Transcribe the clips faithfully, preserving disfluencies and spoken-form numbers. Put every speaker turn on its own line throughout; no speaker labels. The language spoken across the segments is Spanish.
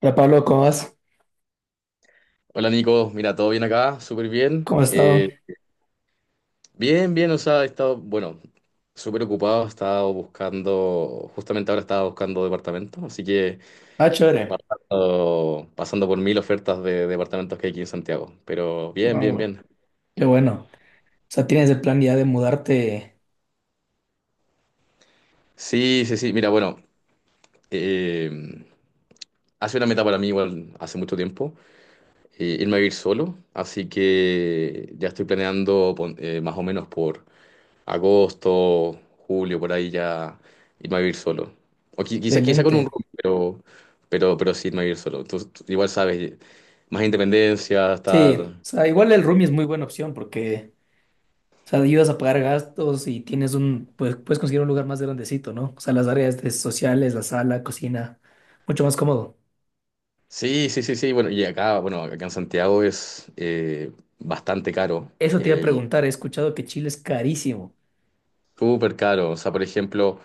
Hola Pablo, ¿cómo vas?
Hola Nico, mira, todo bien acá, súper bien.
¿Cómo has estado?
Eh, bien, bien, o sea, he estado, bueno, súper ocupado, he estado buscando, justamente ahora estaba buscando departamento, así que he
Ah, chévere.
estado pasando por mil ofertas de departamentos que hay aquí en Santiago, pero bien,
Ah,
bien,
bueno.
bien.
Qué bueno. O sea, tienes el plan ya de mudarte
Sí, sí, sí, mira, bueno, eh, hace una meta para mí igual hace mucho tiempo, eh, irme a vivir solo, así que ya estoy planeando pon- eh, más o menos por... agosto, julio, por ahí ya irme a vivir solo. O qui-
de
quizá, quizá con un
lente.
roomie, pero, pero, pero sí irme a vivir solo. Tú, tú igual sabes, más independencia, estar...
Sí, o sea, igual el roomie es muy buena opción porque, o sea, ayudas a pagar gastos y tienes un, pues puedes conseguir un lugar más grandecito, ¿no? O sea, las áreas de sociales, la sala, cocina, mucho más cómodo.
Sí, sí, sí, sí. Bueno, y acá, bueno, acá en Santiago es eh, bastante caro,
Eso te iba a
el
preguntar, he escuchado que Chile es carísimo.
súper caro. O sea, por ejemplo,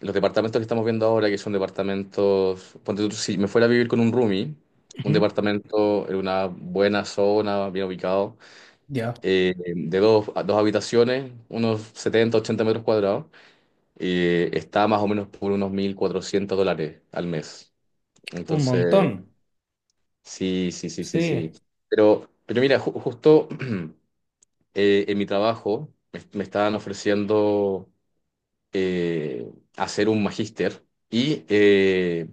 los departamentos que estamos viendo ahora, que son departamentos, ponte tú, si me fuera a vivir con un roomie, un
Ujú.
departamento en una buena zona, bien ubicado,
Ya.
eh, de dos, a dos habitaciones, unos setenta ochenta metros cuadrados, eh, está más o menos por unos mil cuatrocientos dólares al mes.
Un montón.
Entonces, sí, sí, sí, sí, sí.
Sí.
Pero, pero mira, ju- justo eh, en mi trabajo me, me estaban ofreciendo eh, hacer un magíster y eh,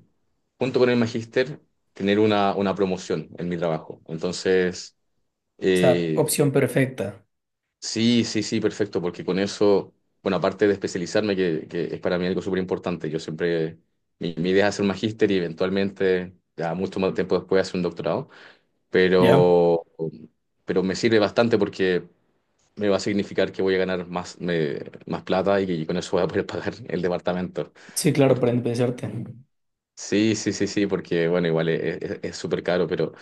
junto con el magíster tener una, una promoción en mi trabajo. Entonces...
O sea,
eh,
opción perfecta.
Sí, sí, sí, perfecto, porque con eso, bueno, aparte de especializarme, que, que es para mí algo súper importante, yo siempre, mi, mi idea es hacer un magíster y eventualmente, ya mucho más tiempo después, hacer un doctorado,
Ya.
pero, pero me sirve bastante porque me va a significar que voy a ganar más, me- más plata y, que con eso voy a poder pagar el departamento.
Sí, claro, para
Porque,
independizarte.
sí, sí, sí, sí, porque, bueno, igual es es- es súper caro, pero,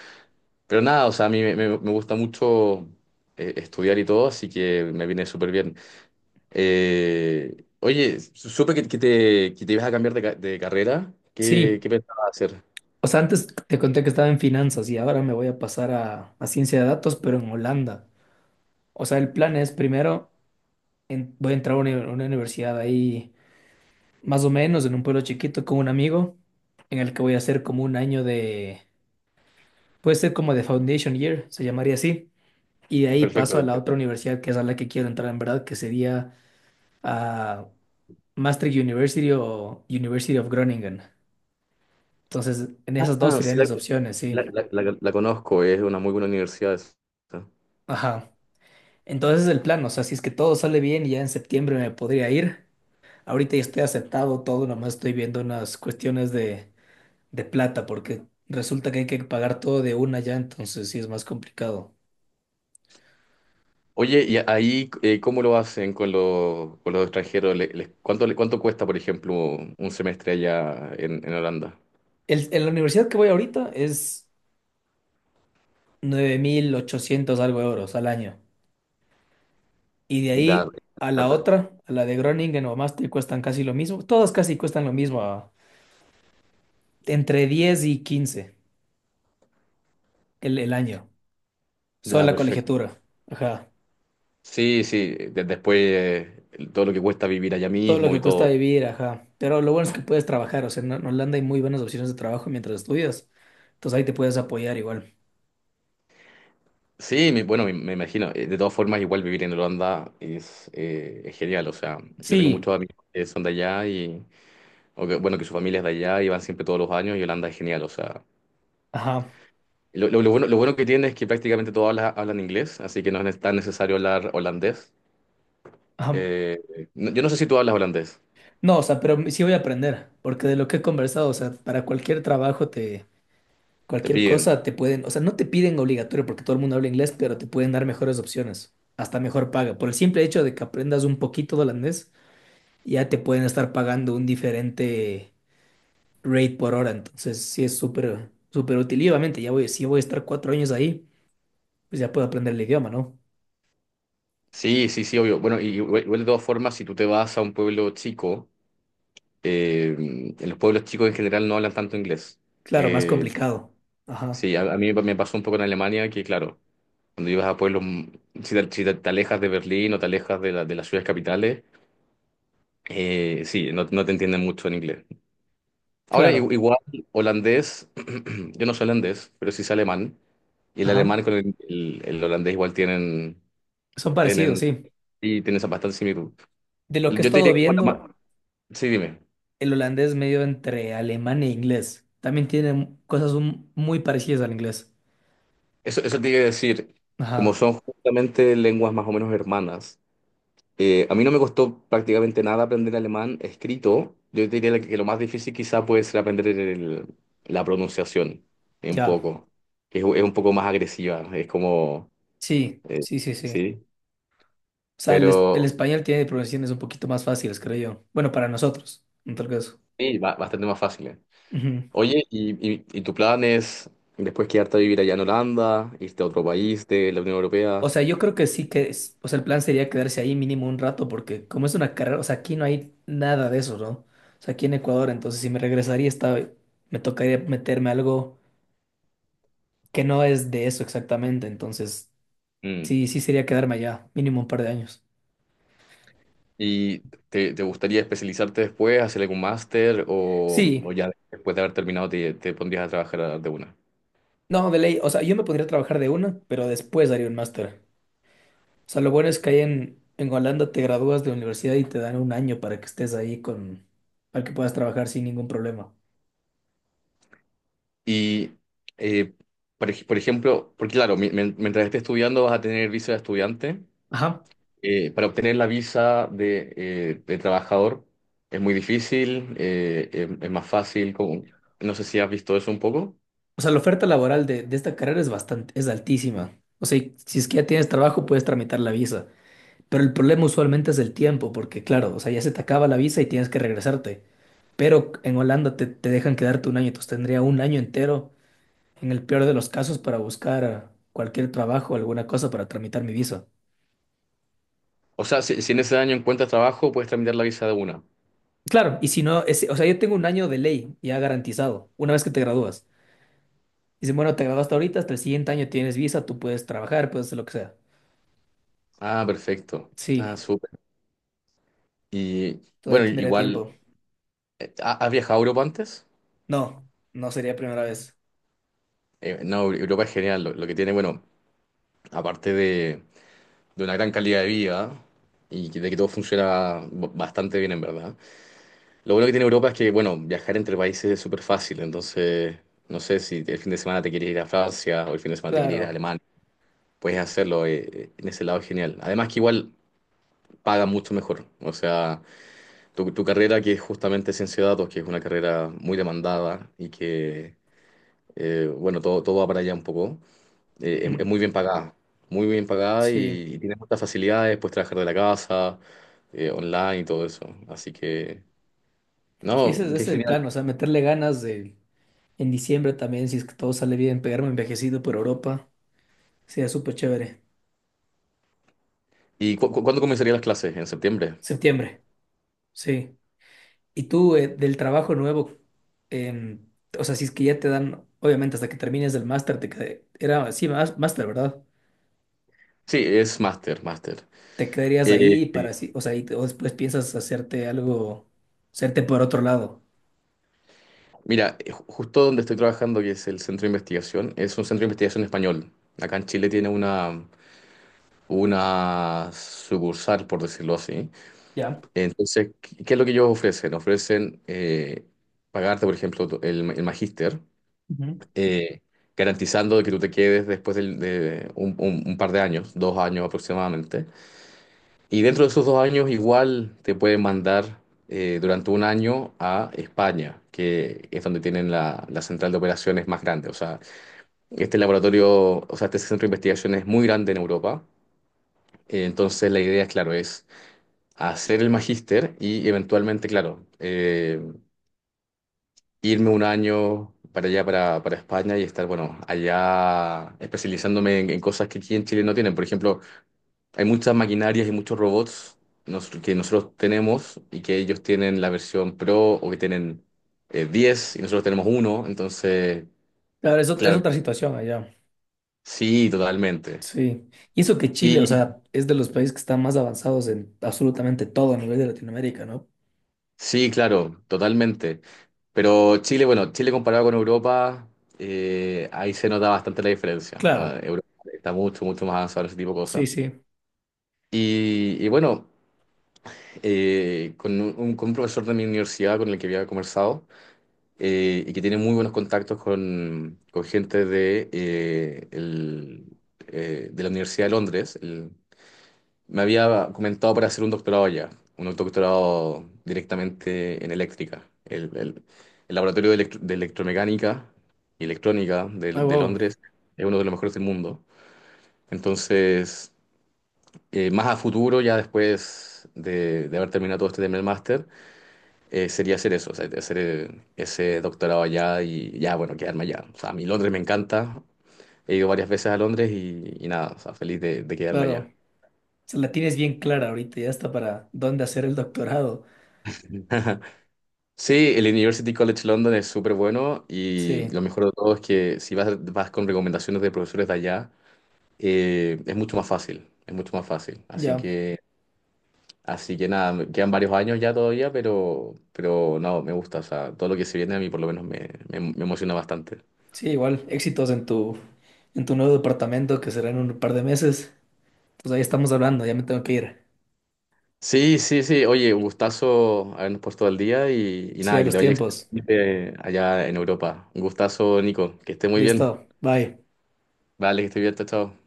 pero nada, o sea, a mí me, me- me gusta mucho eh, estudiar y todo, así que me viene súper bien. Eh, oye, su- supe que, que te, que te ibas a cambiar de, ca- de carrera. ¿Qué,
Sí,
qué pensabas hacer?
O sea, antes te conté que estaba en finanzas y ahora me voy a pasar a, a ciencia de datos, pero en Holanda. O sea, el plan es primero, en- voy a entrar a una, a una universidad ahí, más o menos, en un pueblo chiquito con un amigo, en el que voy a hacer como un año de, puede ser como de Foundation Year, se llamaría así. Y de ahí
Perfecto,
paso a la otra
perfecto.
universidad que es a la que quiero entrar en verdad, que sería a Maastricht University o University of Groningen. Entonces, en esas dos
Ah, sí,
serían
la,
mis opciones,
la-
sí.
la- la- la conozco, es una muy buena universidad esa.
Ajá. Entonces es el plan, o sea, si es que todo sale bien, ya en septiembre me podría ir. Ahorita ya estoy aceptado todo, nomás estoy viendo unas cuestiones de, de plata, porque resulta que hay que pagar todo de una ya, entonces sí es más complicado.
Oye, ¿y ahí eh, cómo lo hacen con los, con los extranjeros? ¿Le- les- cuánto, le- cuánto cuesta, por ejemplo, un semestre allá en, en Holanda?
El, en la universidad que voy ahorita es nueve mil ochocientos algo euros al año. Y de
Da,
ahí a la
da,
otra, a la de Groningen o Maastricht, cuestan casi lo mismo. Todas casi cuestan lo mismo, a- entre diez y quince el, el año. Solo
Da,
la
perfecto.
colegiatura. Ajá.
Sí, sí, de- después eh, todo lo que cuesta vivir allá
Todo lo
mismo
que
y
cuesta
todo.
vivir, ajá. Pero lo bueno es que puedes trabajar, o sea, en en Holanda hay muy buenas opciones de trabajo mientras estudias. Entonces ahí te puedes apoyar igual.
Sí, me- bueno, me, me imagino. Eh, De todas formas, igual vivir en Holanda es, eh, es genial. O sea, yo tengo
Sí,
muchos amigos que son de allá y, o que- bueno, que su familia es de allá y van siempre todos los años y Holanda es genial. O sea,
ajá,
lo, lo- lo bueno, lo bueno que tiene es que prácticamente todos habla- hablan inglés, así que no es tan necesario hablar holandés.
ajá.
Eh, no- yo no sé si tú hablas holandés,
No, o sea, pero sí voy a aprender, porque de lo que he conversado, o sea, para cualquier trabajo te,
te
cualquier
piden.
cosa te pueden, o sea, no te piden obligatorio porque todo el mundo habla inglés, pero te pueden dar mejores opciones, hasta mejor paga. Por el simple hecho de que aprendas un poquito de holandés, ya te pueden estar pagando un diferente rate por hora. Entonces, sí es súper, súper útil. Y obviamente, ya voy, si voy a estar cuatro años ahí, pues ya puedo aprender el idioma, ¿no?
Sí, sí, sí, obvio. Bueno, y igual igual de todas formas, si tú te vas a un pueblo chico, eh, en los pueblos chicos en general no hablan tanto inglés.
Claro, más
Eh,
complicado. Ajá.
Sí, a, a mí me pasó un poco en Alemania que, claro, cuando ibas a pueblos, mm, si te, si te- te alejas de Berlín o te alejas de, la- de las ciudades capitales, eh, sí, no, no te entienden mucho en inglés. Ahora, i-
Claro.
igual, holandés, yo no soy holandés, pero sí sé alemán, y el
Ajá.
alemán con el, el- el holandés igual tienen,
Son parecidos,
tienen,
sí.
y tienen esa bastante similitud.
De lo que
Yo
he
te diría
estado
que, como la
viendo,
ma- sí, dime,
el holandés medio entre alemán e inglés. También tiene cosas un- muy parecidas al inglés.
eso, eso te iba a decir, como
Ajá.
son justamente lenguas más o menos hermanas. Eh, a mí no me costó prácticamente nada aprender alemán escrito. Yo diría que lo más difícil quizá puede ser aprender el- la pronunciación, eh, un
Ya.
poco, es, es un poco más agresiva, es como,
Sí,
eh,
sí, sí, sí.
sí,
O sea, el, es- el
pero
español tiene pronunciaciones un poquito más fáciles, creo yo. Bueno, para nosotros, en tal caso.
sí, ba- bastante más fácil. eh.
Ujú.
Oye, ¿y, y, y tu plan es después quedarte a vivir allá en Holanda, irte a otro país de la Unión
O
Europea?
sea, yo creo que sí que, es- o sea, el plan sería quedarse ahí mínimo un rato, porque como es una carrera, o sea, aquí no hay nada de eso, ¿no? O sea, aquí en Ecuador, entonces si me regresaría, estaba, me tocaría meterme a algo que no es de eso exactamente, entonces
Mm.
sí, sí sería quedarme allá mínimo un par de años.
¿Y te, te gustaría especializarte después, hacer algún máster o, o
Sí,
ya después de haber terminado te, te pondrías a trabajar de una?
no, de ley, o sea, yo me podría trabajar de una, pero después haría un máster. O sea, lo bueno es que ahí en, en, Holanda te gradúas de universidad y te dan un año para que estés ahí con, para que puedas trabajar sin ningún problema.
Y, eh, por, ej- por ejemplo, porque claro, mi- men- mientras estés estudiando vas a tener visa de estudiante.
Ajá.
Eh, para obtener la visa de, eh, de trabajador es muy difícil, eh, es, es más fácil. como- No sé si has visto eso un poco.
O sea, la oferta laboral de, de esta carrera es bastante, es altísima. O sea, y si es que ya tienes trabajo, puedes tramitar la visa. Pero el problema usualmente es el tiempo, porque claro, o sea, ya se te acaba la visa y tienes que regresarte. Pero en Holanda te, te dejan quedarte un año, entonces tendría un año entero, en el peor de los casos, para buscar eh, cualquier trabajo, alguna cosa para tramitar mi visa.
O sea, si, si en ese año encuentras trabajo, puedes tramitar la visa de una.
Claro, y si no, es- o sea, yo tengo un año de ley ya garantizado, una vez que te gradúas. Dicen, bueno, te graduaste ahorita, hasta el siguiente año tienes visa, tú puedes trabajar, puedes hacer lo que sea.
Ah, perfecto. Ah,
Sí,
súper. Y
todavía
bueno,
tendría
igual,
tiempo.
eh, ¿ha- has viajado a Europa antes?
No, no sería primera vez.
Eh, no, Europa es genial. Lo, lo que tiene, bueno, aparte de de una gran calidad de vida y que- de que todo funciona b- bastante bien en verdad. Lo bueno que tiene Europa es que, bueno, viajar entre países es súper fácil, entonces no sé si el fin de semana te quieres ir a Francia o el fin de semana te quieres ir a
Claro.
Alemania, puedes hacerlo, eh, eh, en ese lado es genial. Además que igual paga mucho mejor, o sea, tu, tu carrera que es justamente ciencia de datos, que es una carrera muy demandada y que, eh, bueno, todo, todo va para allá un poco. Eh, es, es
Ujú.
muy bien pagada, muy bien pagada
Sí.
y, y tiene muchas facilidades, puedes trabajar de la casa, eh, online y todo eso. Así que,
Sí,
no,
ese, ese
qué
es el
genial.
plan, o sea, meterle ganas de en diciembre también, si es que todo sale bien, pegarme envejecido por Europa. Sería súper chévere.
¿Y cu- cu- cuándo comenzarían las clases? ¿En septiembre?
Septiembre, sí. Y tú, eh, del trabajo nuevo, em, o sea, si es que ya te dan, obviamente hasta que termines el máster, te qued- era así, más máster, ¿verdad?
Sí, es máster, máster.
Te quedarías
Eh,
ahí para así, o sea, y, o después piensas hacerte algo, hacerte por otro lado.
mira, eh, ju- justo donde estoy trabajando, que es el centro de investigación, es un centro de investigación español. Acá en Chile tiene una, una sucursal, por decirlo así.
Ya.
Entonces, ¿qué qué es lo que ellos ofrecen? Ofrecen eh, pagarte, por ejemplo, tu- el, el magíster.
Ujú.
Eh, garantizando de que tú te quedes después del- de un, un- un par de años, dos años aproximadamente. Y dentro de esos dos años igual te pueden mandar eh, durante un año a España, que es donde tienen la, la central de operaciones más grande. O sea, este laboratorio, o sea, este centro de investigación es muy grande en Europa. Eh, entonces la idea, claro, es hacer el magíster y eventualmente, claro, eh, irme un año para allá, para, para España y estar, bueno, allá especializándome en, en cosas que aquí en Chile no tienen. Por ejemplo, hay muchas maquinarias y muchos robots nos- que nosotros tenemos y que ellos tienen la versión Pro o que tienen eh, diez y nosotros tenemos uno. Entonces,
Claro, es, ot- es
claro,
otra situación allá.
sí, totalmente.
Sí, y eso que Chile, o
Y
sea, es de los países que están más avanzados en absolutamente todo a nivel de Latinoamérica, ¿no?
sí, claro, totalmente. Pero Chile, bueno, Chile comparado con Europa, eh, ahí se nota bastante la diferencia.
Claro.
Ah, Europa está mucho, mucho más avanzado en ese tipo de
Sí,
cosas.
sí.
Y, y bueno, eh, con un, un- con un profesor de mi universidad con el que había conversado eh, y que tiene muy buenos contactos con, con gente de, eh, el, eh, de la Universidad de Londres, el- me había comentado para hacer un doctorado allá, un doctorado directamente en eléctrica. El, el- el laboratorio de, electro- de electromecánica y electrónica de,
Ah,
de
wow,
Londres es uno de los mejores del mundo. Entonces... eh, más a futuro, ya después de, de haber terminado todo este tema del máster, eh, sería hacer eso, o sea, hacer eh, ese doctorado allá y ya, bueno, quedarme allá. O sea, a mí Londres me encanta, he ido varias veces a Londres y, y nada, o sea, feliz de, de quedarme allá.
claro. Se la tienes bien clara ahorita, ya está para dónde hacer el doctorado.
Sí, el University College London es súper bueno y lo
Sí,
mejor de todo es que si vas, vas con recomendaciones de profesores de allá, eh, es mucho más fácil, es mucho más fácil. Así
ya.
que... Así que nada, me quedan varios años ya todavía, pero, pero no, me gusta. O sea, todo lo que se viene a mí por lo menos me, me- me emociona bastante.
Sí, igual, éxitos en tu, en tu, nuevo departamento que será en un par de meses. Pues ahí estamos hablando, ya me tengo que ir.
Sí, sí, sí. Oye, un gustazo habernos puesto al día y, y
Sí, a
nada, que
los
te vaya
tiempos.
excelente allá en Europa. Un gustazo, Nico. Que esté muy bien.
Listo, bye.
Vale, que esté bien, chao, chao.